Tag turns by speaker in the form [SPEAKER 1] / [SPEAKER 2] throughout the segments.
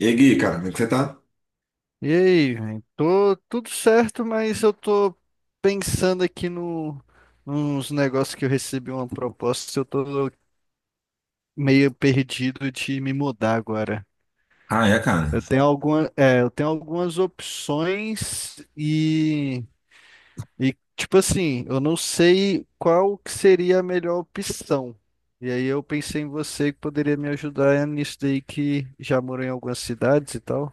[SPEAKER 1] E aí, Gui, cara, como é que você tá?
[SPEAKER 2] E aí, velho? Tô tudo certo, mas eu tô pensando aqui no nos negócios que eu recebi uma proposta, eu tô meio perdido de me mudar agora.
[SPEAKER 1] Ah, é, cara.
[SPEAKER 2] Eu tenho algumas opções e tipo assim, eu não sei qual que seria a melhor opção. E aí eu pensei em você que poderia me ajudar nisso daí que já morou em algumas cidades e tal.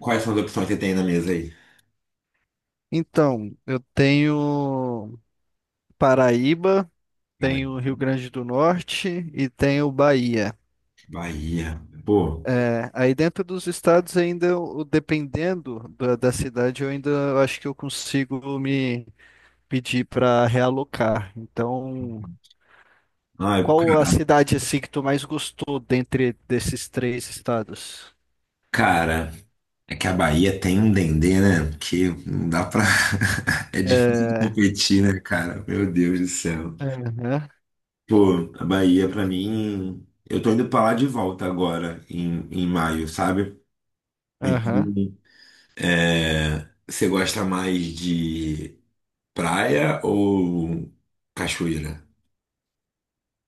[SPEAKER 1] Quais são as opções que você tem na mesa aí?
[SPEAKER 2] Então, eu tenho Paraíba,
[SPEAKER 1] Cara,
[SPEAKER 2] tem o Rio Grande do Norte e tem o Bahia.
[SPEAKER 1] Bahia. Pô,
[SPEAKER 2] É, aí dentro dos estados ainda, dependendo da cidade, eu ainda acho que eu consigo me pedir para realocar. Então,
[SPEAKER 1] ai,
[SPEAKER 2] qual a
[SPEAKER 1] cara,
[SPEAKER 2] cidade assim que tu mais gostou dentre desses três estados?
[SPEAKER 1] cara, é que a Bahia tem um dendê, né? Que não dá pra. É difícil de
[SPEAKER 2] É,
[SPEAKER 1] competir, né, cara? Meu Deus do céu.
[SPEAKER 2] aham,
[SPEAKER 1] Pô, a Bahia, pra mim. Eu tô indo pra lá de volta agora, em maio, sabe?
[SPEAKER 2] aham.
[SPEAKER 1] Então, é, você gosta mais de praia ou cachoeira?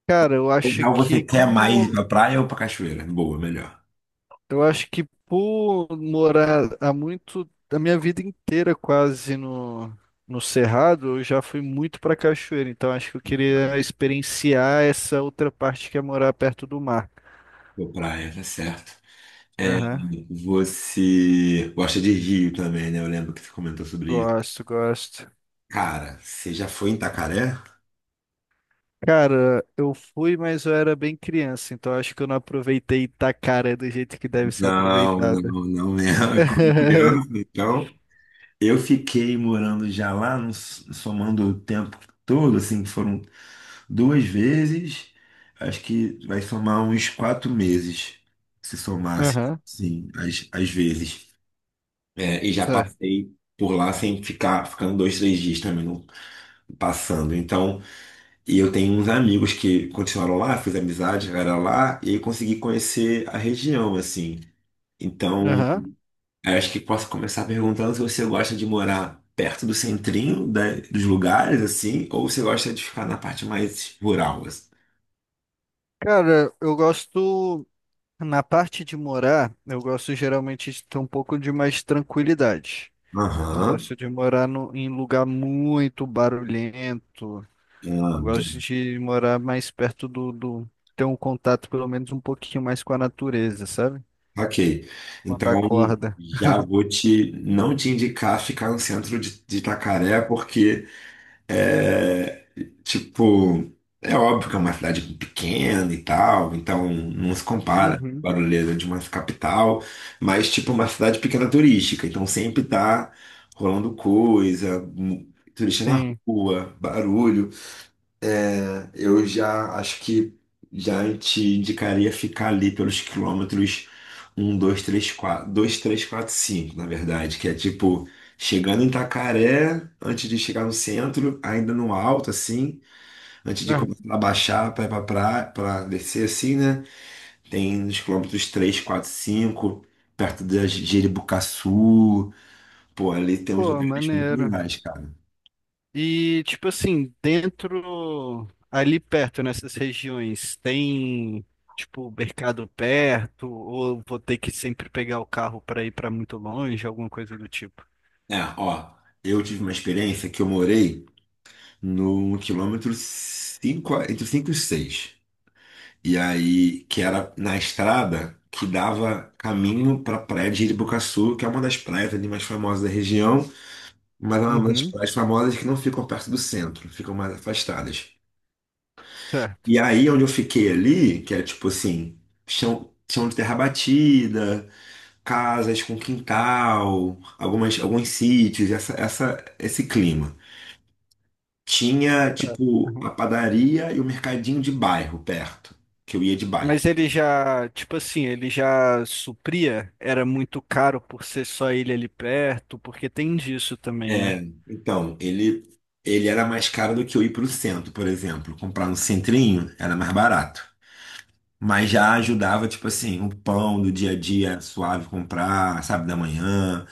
[SPEAKER 2] Cara, eu
[SPEAKER 1] Em
[SPEAKER 2] acho
[SPEAKER 1] real, você
[SPEAKER 2] que
[SPEAKER 1] quer mais ir pra
[SPEAKER 2] como
[SPEAKER 1] praia ou pra cachoeira? Boa, melhor.
[SPEAKER 2] Eu acho que por morar há muito, a minha vida inteira quase no Cerrado, eu já fui muito para cachoeira, então acho que eu queria experienciar essa outra parte que é morar perto do mar.
[SPEAKER 1] Pra praia, tá certo. É,
[SPEAKER 2] Aham.
[SPEAKER 1] você gosta de rio também, né? Eu lembro que você comentou sobre isso.
[SPEAKER 2] Gosto, gosto.
[SPEAKER 1] Cara, você já foi em Itacaré?
[SPEAKER 2] Cara, eu fui, mas eu era bem criança, então acho que eu não aproveitei Itacaré do jeito que deve ser
[SPEAKER 1] Não,
[SPEAKER 2] aproveitada.
[SPEAKER 1] não, não mesmo. Eu como criança, então. Eu fiquei morando já lá, somando o tempo todo, assim, que foram duas vezes. Acho que vai somar uns 4 meses, se somasse,
[SPEAKER 2] Aham,
[SPEAKER 1] sim, as vezes. É, e já
[SPEAKER 2] certo.
[SPEAKER 1] passei por lá sem ficar, ficando 2, 3 dias também não, passando. Então, e eu tenho uns amigos que continuaram lá, fiz amizade, chegaram lá e consegui conhecer a região, assim. Então,
[SPEAKER 2] Aham.
[SPEAKER 1] acho que posso começar perguntando se você gosta de morar perto do centrinho dos lugares, assim, ou você gosta de ficar na parte mais rural, assim.
[SPEAKER 2] Cara, eu gosto. Na parte de morar, eu gosto geralmente de ter um pouco de mais tranquilidade. Não
[SPEAKER 1] Aham,
[SPEAKER 2] gosto de morar em lugar muito barulhento.
[SPEAKER 1] ah,
[SPEAKER 2] Eu gosto
[SPEAKER 1] bem,
[SPEAKER 2] de morar mais perto ter um contato pelo menos um pouquinho mais com a natureza, sabe?
[SPEAKER 1] ok.
[SPEAKER 2] Quando
[SPEAKER 1] Então
[SPEAKER 2] acorda.
[SPEAKER 1] já vou te não te indicar ficar no centro de Itacaré, porque é, tipo, é óbvio que é uma cidade pequena e tal, então não se compara a
[SPEAKER 2] Uhum.
[SPEAKER 1] barulheira de uma capital, mas tipo uma cidade pequena turística, então sempre tá rolando coisa, turista na
[SPEAKER 2] Sim.
[SPEAKER 1] rua, barulho. Eu já acho que já te indicaria ficar ali pelos quilômetros um 2 3 4 2 3 4 5 na verdade, que é tipo chegando em Itacaré, antes de chegar no centro, ainda no alto assim, antes de
[SPEAKER 2] Ah,
[SPEAKER 1] começar a baixar para descer assim, né? Tem nos quilômetros 3 4 5 perto da Jeribucaçu, pô, ali tem uns
[SPEAKER 2] pô,
[SPEAKER 1] lugares muito
[SPEAKER 2] maneiro.
[SPEAKER 1] legais, cara.
[SPEAKER 2] E, tipo assim, dentro, ali perto, nessas regiões, tem, tipo, mercado perto, ou vou ter que sempre pegar o carro para ir para muito longe, alguma coisa do tipo?
[SPEAKER 1] É, ó, eu tive uma experiência que eu morei no quilômetro 5 entre 5 e 6. E aí, que era na estrada que dava caminho para a praia de Iribucaçu, que é uma das praias ali mais famosas da região, mas é uma das
[SPEAKER 2] Uhum.
[SPEAKER 1] praias famosas que não ficam perto do centro, ficam mais afastadas.
[SPEAKER 2] Certo.
[SPEAKER 1] E aí, onde eu fiquei ali, que é tipo assim, chão, chão de terra batida, casas com quintal, alguns sítios, esse clima. Tinha,
[SPEAKER 2] Certo.
[SPEAKER 1] tipo, a
[SPEAKER 2] Aham.
[SPEAKER 1] padaria e o mercadinho de bairro perto, que eu ia de
[SPEAKER 2] Mas
[SPEAKER 1] bike.
[SPEAKER 2] ele já, tipo assim, ele já supria, era muito caro por ser só ele ali perto, porque tem disso também, né?
[SPEAKER 1] É, então, ele era mais caro do que eu ir pro centro, por exemplo. Comprar no centrinho era mais barato. Mas já ajudava, tipo assim, o pão do dia a dia era suave comprar, sabe, da manhã,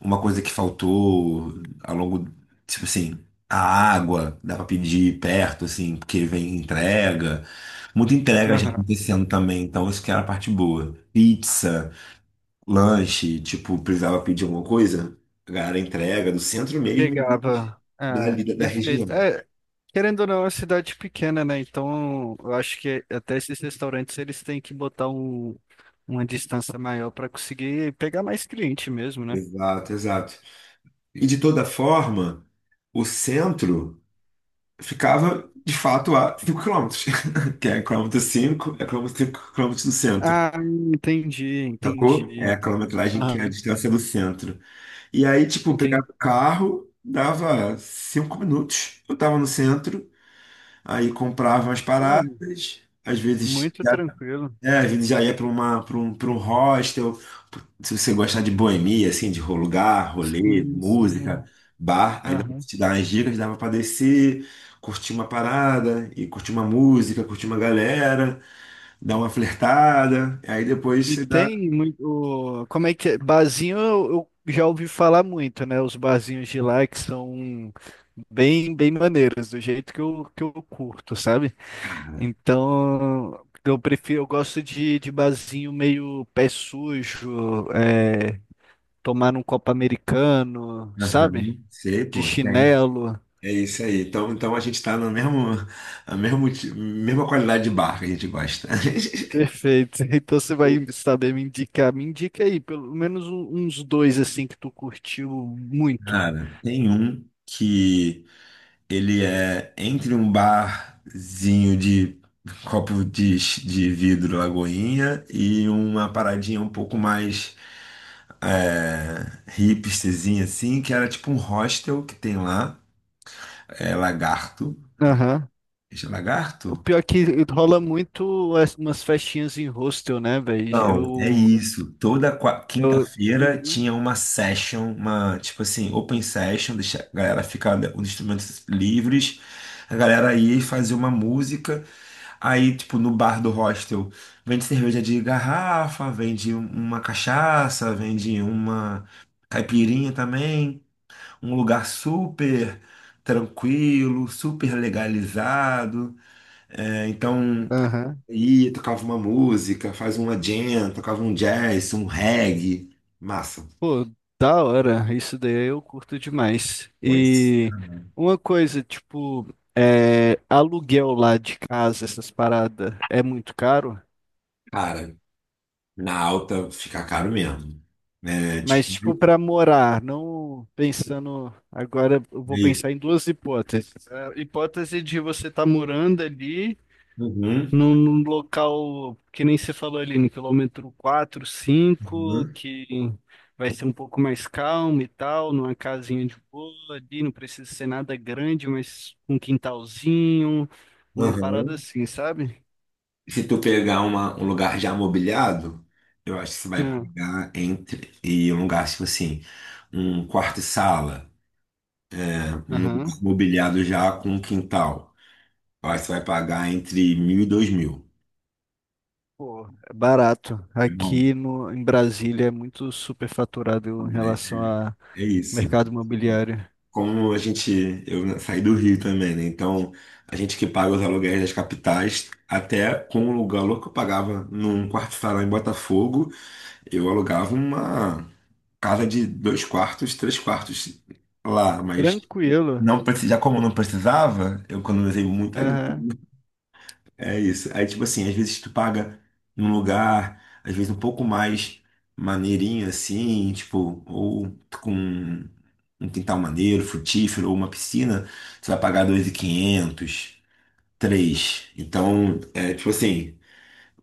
[SPEAKER 1] uma coisa que faltou ao longo, tipo assim, a água, dá pra pedir perto, assim, porque vem entrega. Muita entrega já
[SPEAKER 2] Aham.
[SPEAKER 1] acontecendo também, então isso que era a parte boa. Pizza, lanche, tipo, precisava pedir alguma coisa, a galera entrega do centro mesmo e vende
[SPEAKER 2] Chegava. Ah,
[SPEAKER 1] dali da
[SPEAKER 2] perfeito.
[SPEAKER 1] região.
[SPEAKER 2] É, querendo ou não, é uma cidade pequena, né? Então, eu acho que até esses restaurantes eles têm que botar uma distância maior para conseguir pegar mais cliente mesmo, né?
[SPEAKER 1] Exato, exato. E de toda forma, o centro ficava de fato a 5 quilômetros que é quilômetro 5 é quilômetro 5, 5 quilômetros do centro.
[SPEAKER 2] Ah, entendi,
[SPEAKER 1] Sacou?
[SPEAKER 2] entendi,
[SPEAKER 1] É a
[SPEAKER 2] então.
[SPEAKER 1] quilometragem que é a
[SPEAKER 2] Aham,
[SPEAKER 1] distância do centro. E aí, tipo,
[SPEAKER 2] entendi.
[SPEAKER 1] pegava o carro, dava 5 minutos. Eu tava no centro, aí comprava umas
[SPEAKER 2] Pô,
[SPEAKER 1] paradas, às vezes
[SPEAKER 2] muito tranquilo.
[SPEAKER 1] é, a gente já ia para um hostel. Se você gostar de boemia, assim, de lugar, rolê,
[SPEAKER 2] Sim,
[SPEAKER 1] música,
[SPEAKER 2] sim.
[SPEAKER 1] bar,
[SPEAKER 2] É.
[SPEAKER 1] ainda
[SPEAKER 2] Aham.
[SPEAKER 1] te dar umas dicas, dava para descer, curtir uma parada, e curtir uma música, curtir uma galera, dar uma flertada. Aí depois
[SPEAKER 2] E
[SPEAKER 1] você dá.
[SPEAKER 2] tem muito. Como é que é? Barzinho eu já ouvi falar muito, né? Os barzinhos de lá que são bem, bem maneiros, do jeito que que eu curto, sabe?
[SPEAKER 1] Cara,
[SPEAKER 2] Então, eu gosto de barzinho meio pé sujo, tomar um copo americano, sabe?
[SPEAKER 1] aham, sei,
[SPEAKER 2] De
[SPEAKER 1] pô, tem.
[SPEAKER 2] chinelo.
[SPEAKER 1] É isso aí. Então a gente tá na mesmo, a mesmo, ti- mesma qualidade de bar que a gente gosta.
[SPEAKER 2] Perfeito. Então você vai saber me indicar. Me indica aí, pelo menos uns dois assim que tu curtiu muito.
[SPEAKER 1] Cara, tem um que. Ele é entre um barzinho de copo de vidro Lagoinha e uma paradinha um pouco mais, hipsterzinha assim, que era tipo um hostel que tem lá, é Lagarto.
[SPEAKER 2] Aham.
[SPEAKER 1] Esse é Lagarto?
[SPEAKER 2] O pior é que rola muito umas festinhas em hostel, né, velho?
[SPEAKER 1] Não, é isso. Toda quinta-feira
[SPEAKER 2] Uhum.
[SPEAKER 1] tinha uma session, uma tipo assim, open session, deixa a galera ficar com os instrumentos livres, a galera ia e fazia uma música. Aí, tipo, no bar do hostel, vende cerveja de garrafa, vende uma cachaça, vende uma caipirinha também. Um lugar super tranquilo, super legalizado. É, então,
[SPEAKER 2] Aham.
[SPEAKER 1] ia, tocava uma música, faz uma jam, tocava um jazz, um reggae. Massa.
[SPEAKER 2] Pô, da hora. Isso daí eu curto demais.
[SPEAKER 1] Pois,
[SPEAKER 2] E uma coisa, tipo, aluguel lá de casa, essas paradas, é muito caro?
[SPEAKER 1] cara, na alta fica caro mesmo. Né, tipo,
[SPEAKER 2] Mas, tipo, para morar, não pensando... Agora eu
[SPEAKER 1] é
[SPEAKER 2] vou
[SPEAKER 1] isso.
[SPEAKER 2] pensar em duas hipóteses. A hipótese de você estar morando ali...
[SPEAKER 1] Uhum,
[SPEAKER 2] num local que nem você falou ali, no quilômetro 4, 5,
[SPEAKER 1] uhum,
[SPEAKER 2] que vai ser um pouco mais calmo e tal, numa casinha de boa ali, não precisa ser nada grande, mas um quintalzinho, uma parada
[SPEAKER 1] uhum.
[SPEAKER 2] assim, sabe?
[SPEAKER 1] Se tu pegar um lugar já mobiliado, eu acho que você vai
[SPEAKER 2] Ah,
[SPEAKER 1] pegar entre e um lugar tipo assim, um quarto e sala, né? Um lugar
[SPEAKER 2] aham.
[SPEAKER 1] mobiliado já com um quintal. Eu acho que você vai pagar entre 1.000 e 2.000.
[SPEAKER 2] Pô, é barato.
[SPEAKER 1] É bom,
[SPEAKER 2] Aqui no, em Brasília é muito superfaturado em relação a
[SPEAKER 1] é é isso.
[SPEAKER 2] mercado imobiliário.
[SPEAKER 1] Como a gente, eu saí do Rio também, né? Então, a gente que paga os aluguéis das capitais, até com o aluguel que eu pagava num quarto-salão em Botafogo, eu alugava casa de dois quartos, três quartos lá, mas
[SPEAKER 2] Tranquilo.
[SPEAKER 1] não precisa, já como não precisava, eu economizei muita grana.
[SPEAKER 2] Aham,
[SPEAKER 1] É isso. Aí, tipo assim, às vezes tu paga num lugar, às vezes um pouco mais maneirinho assim, tipo, ou com um quintal maneiro, frutífero, ou uma piscina, você vai pagar 2.500, 3.000. Então, é tipo assim,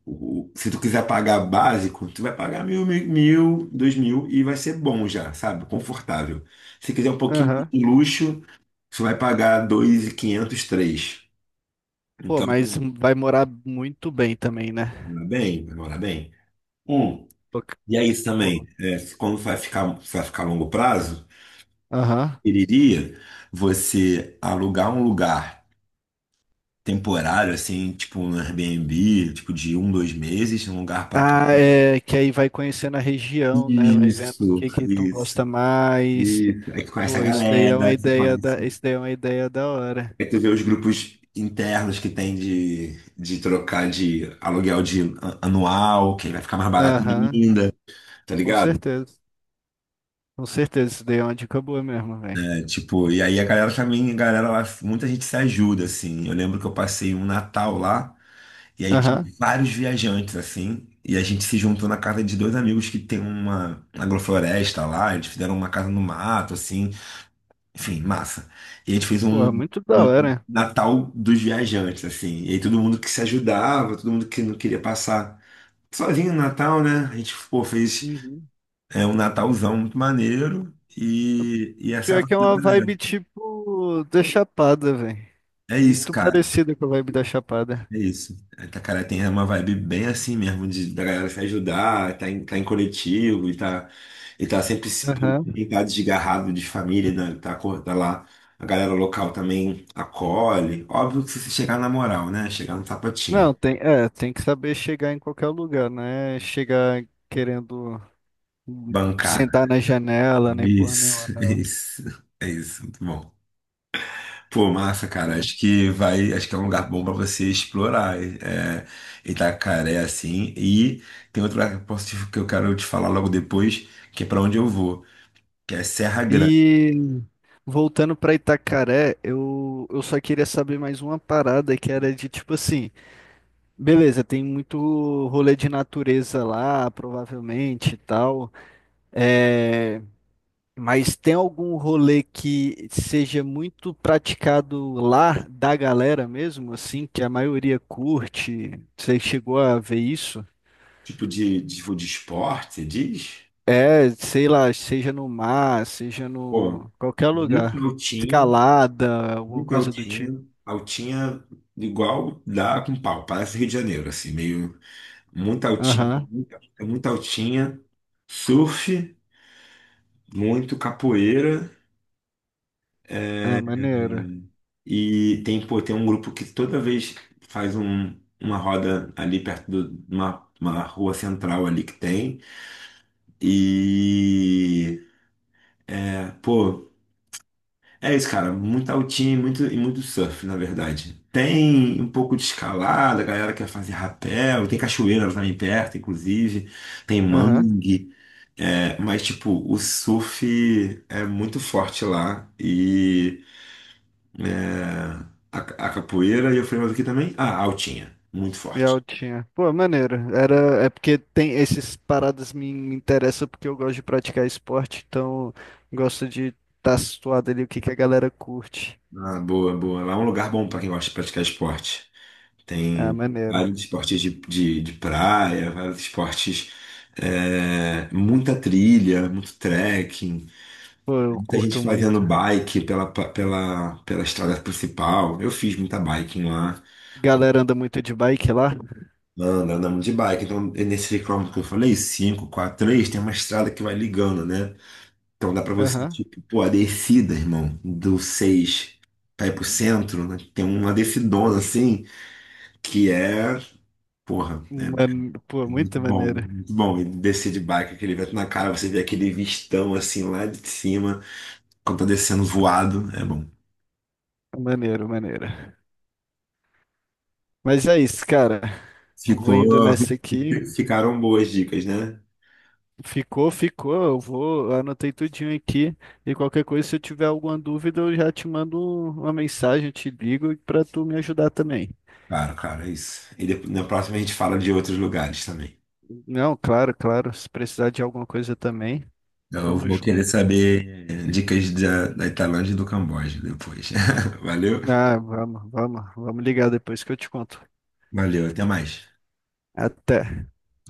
[SPEAKER 1] se tu quiser pagar básico, tu vai pagar 1.000, 1.000, 1.000, 2.000 e vai ser bom já, sabe? Confortável. Se quiser um pouquinho
[SPEAKER 2] aham.
[SPEAKER 1] de luxo, tu vai pagar 2.500, 3.000.
[SPEAKER 2] Pô,
[SPEAKER 1] Então,
[SPEAKER 2] mas
[SPEAKER 1] vai
[SPEAKER 2] vai morar muito bem também, né?
[SPEAKER 1] morar bem, vai morar bem. Um, e é isso também.
[SPEAKER 2] Pô.
[SPEAKER 1] É, quando vai ficar a longo prazo,
[SPEAKER 2] Aham.
[SPEAKER 1] eu iria você alugar um lugar temporário, assim, tipo um Airbnb, tipo de 1, 2 meses, um lugar para...
[SPEAKER 2] Ah, é que aí vai conhecendo a região, né? Vai vendo o
[SPEAKER 1] Isso,
[SPEAKER 2] que que tu gosta
[SPEAKER 1] isso.
[SPEAKER 2] mais.
[SPEAKER 1] Isso. Aí tu conhece a
[SPEAKER 2] Pô, isso daí é uma
[SPEAKER 1] galera, você
[SPEAKER 2] ideia da,
[SPEAKER 1] conhece.
[SPEAKER 2] isso daí é uma ideia da hora.
[SPEAKER 1] Aí tu vê os grupos internos que tem de trocar de aluguel de anual, que vai ficar mais barato
[SPEAKER 2] Aham,
[SPEAKER 1] ainda, tá
[SPEAKER 2] com
[SPEAKER 1] ligado?
[SPEAKER 2] certeza. Com certeza, isso daí é uma dica boa mesmo, velho.
[SPEAKER 1] É, tipo, e aí a galera também, a galera lá, muita gente se ajuda, assim. Eu lembro que eu passei um Natal lá, e aí tinha
[SPEAKER 2] Aham.
[SPEAKER 1] vários viajantes, assim. E a gente se juntou na casa de dois amigos que tem uma agrofloresta lá, eles fizeram uma casa no mato, assim. Enfim, massa. E a gente fez
[SPEAKER 2] Pô, é
[SPEAKER 1] um,
[SPEAKER 2] muito da
[SPEAKER 1] um
[SPEAKER 2] hora.
[SPEAKER 1] Natal dos viajantes, assim. E aí todo mundo que se ajudava, todo mundo que não queria passar sozinho no Natal, né? A gente, pô, fez,
[SPEAKER 2] Uhum.
[SPEAKER 1] um Natalzão muito maneiro. E essa
[SPEAKER 2] Pior que é uma vibe tipo da Chapada, velho.
[SPEAKER 1] é isso,
[SPEAKER 2] Muito
[SPEAKER 1] cara.
[SPEAKER 2] parecida com a vibe da Chapada.
[SPEAKER 1] É isso. A Itacaré tem uma vibe bem assim mesmo, da galera se ajudar, tá em coletivo e tá sempre
[SPEAKER 2] Aham.
[SPEAKER 1] e tá desgarrado de família, né? Tá, tá lá. A galera local também acolhe. Óbvio que se você chegar na moral, né? Chegar no sapatinho.
[SPEAKER 2] Não, tem que saber chegar em qualquer lugar, né? Chegar querendo sentar
[SPEAKER 1] Bancada.
[SPEAKER 2] na janela, nem porra nenhuma,
[SPEAKER 1] Isso,
[SPEAKER 2] não.
[SPEAKER 1] isso. É isso, muito bom. Pô, massa, cara. Acho que é um lugar bom pra você explorar. É, Itacaré, assim. E tem outro lugar que eu posso que eu quero te falar logo depois, que é pra onde eu vou, que é Serra Grande.
[SPEAKER 2] E voltando pra Itacaré, eu só queria saber mais uma parada que era de tipo assim, beleza, tem muito rolê de natureza lá, provavelmente e tal, é, mas tem algum rolê que seja muito praticado lá da galera mesmo, assim, que a maioria curte? Você chegou a ver isso?
[SPEAKER 1] Tipo tipo de esporte, você diz?
[SPEAKER 2] É, sei lá, seja no mar, seja
[SPEAKER 1] Pô,
[SPEAKER 2] no qualquer
[SPEAKER 1] muito
[SPEAKER 2] lugar.
[SPEAKER 1] altinha,
[SPEAKER 2] Escalada, alguma
[SPEAKER 1] muito
[SPEAKER 2] coisa do tipo.
[SPEAKER 1] altinha, altinha igual dá com pau, parece Rio de Janeiro, assim, meio muito altinha,
[SPEAKER 2] Aham.
[SPEAKER 1] muito, muito altinha, surf, muito capoeira.
[SPEAKER 2] Ah, maneiro.
[SPEAKER 1] E tem, pô, tem um grupo que toda vez faz uma roda ali perto de uma rua central ali que tem. E, é, pô, é isso, cara. Muito altinho e muito surf, na verdade. Tem um pouco de escalada, a galera quer fazer rapel. Tem cachoeira também perto, inclusive. Tem
[SPEAKER 2] Aham.
[SPEAKER 1] mangue. É, mas, tipo, o surf é muito forte lá. É, a, a capoeira e eu falei mais aqui também. Ah, a altinha, muito
[SPEAKER 2] E
[SPEAKER 1] forte.
[SPEAKER 2] altinha. Pô, maneiro. É porque tem esses paradas me interessam porque eu gosto de praticar esporte, então gosto de estar tá situado ali o que que a galera curte.
[SPEAKER 1] Ah, boa, boa. Lá é um lugar bom para quem gosta de praticar esporte.
[SPEAKER 2] Ah,
[SPEAKER 1] Tem
[SPEAKER 2] maneiro.
[SPEAKER 1] vários esportes de praia, vários esportes, muita trilha, muito trekking,
[SPEAKER 2] Pô, eu
[SPEAKER 1] muita gente
[SPEAKER 2] curto
[SPEAKER 1] fazendo
[SPEAKER 2] muito.
[SPEAKER 1] bike pela estrada principal. Eu fiz muita biking lá.
[SPEAKER 2] Galera anda muito de bike lá?
[SPEAKER 1] Anda, andamos de bike. Então, é nesse quilômetro que eu falei, 5, 4, 3 tem uma estrada que vai ligando, né? Então dá pra você,
[SPEAKER 2] Aham.
[SPEAKER 1] tipo, pô, a descida, irmão, do 6 pra ir pro centro, né? Tem uma descidona assim, que é, porra, é
[SPEAKER 2] Pô,
[SPEAKER 1] muito
[SPEAKER 2] muito
[SPEAKER 1] bom,
[SPEAKER 2] maneiro.
[SPEAKER 1] muito bom. E descer de bike, aquele vento na cara, você vê aquele vistão assim lá de cima, quando tá descendo voado, é bom.
[SPEAKER 2] Maneiro, maneiro. Mas é isso, cara. Eu vou indo
[SPEAKER 1] Ficou,
[SPEAKER 2] nessa aqui.
[SPEAKER 1] ficaram boas dicas, né?
[SPEAKER 2] Ficou, ficou. Eu anotei tudinho aqui. E qualquer coisa, se eu tiver alguma dúvida, eu já te mando uma mensagem, eu te ligo para tu me ajudar também.
[SPEAKER 1] Claro, cara, é isso. E depois, na próxima a gente fala de outros lugares também.
[SPEAKER 2] Não, claro, claro. Se precisar de alguma coisa também,
[SPEAKER 1] Eu
[SPEAKER 2] tamo
[SPEAKER 1] vou
[SPEAKER 2] junto.
[SPEAKER 1] querer saber dicas da Tailândia e do Camboja depois. Valeu?
[SPEAKER 2] Ah, vamos ligar depois que eu te conto.
[SPEAKER 1] Valeu, até mais.
[SPEAKER 2] Até.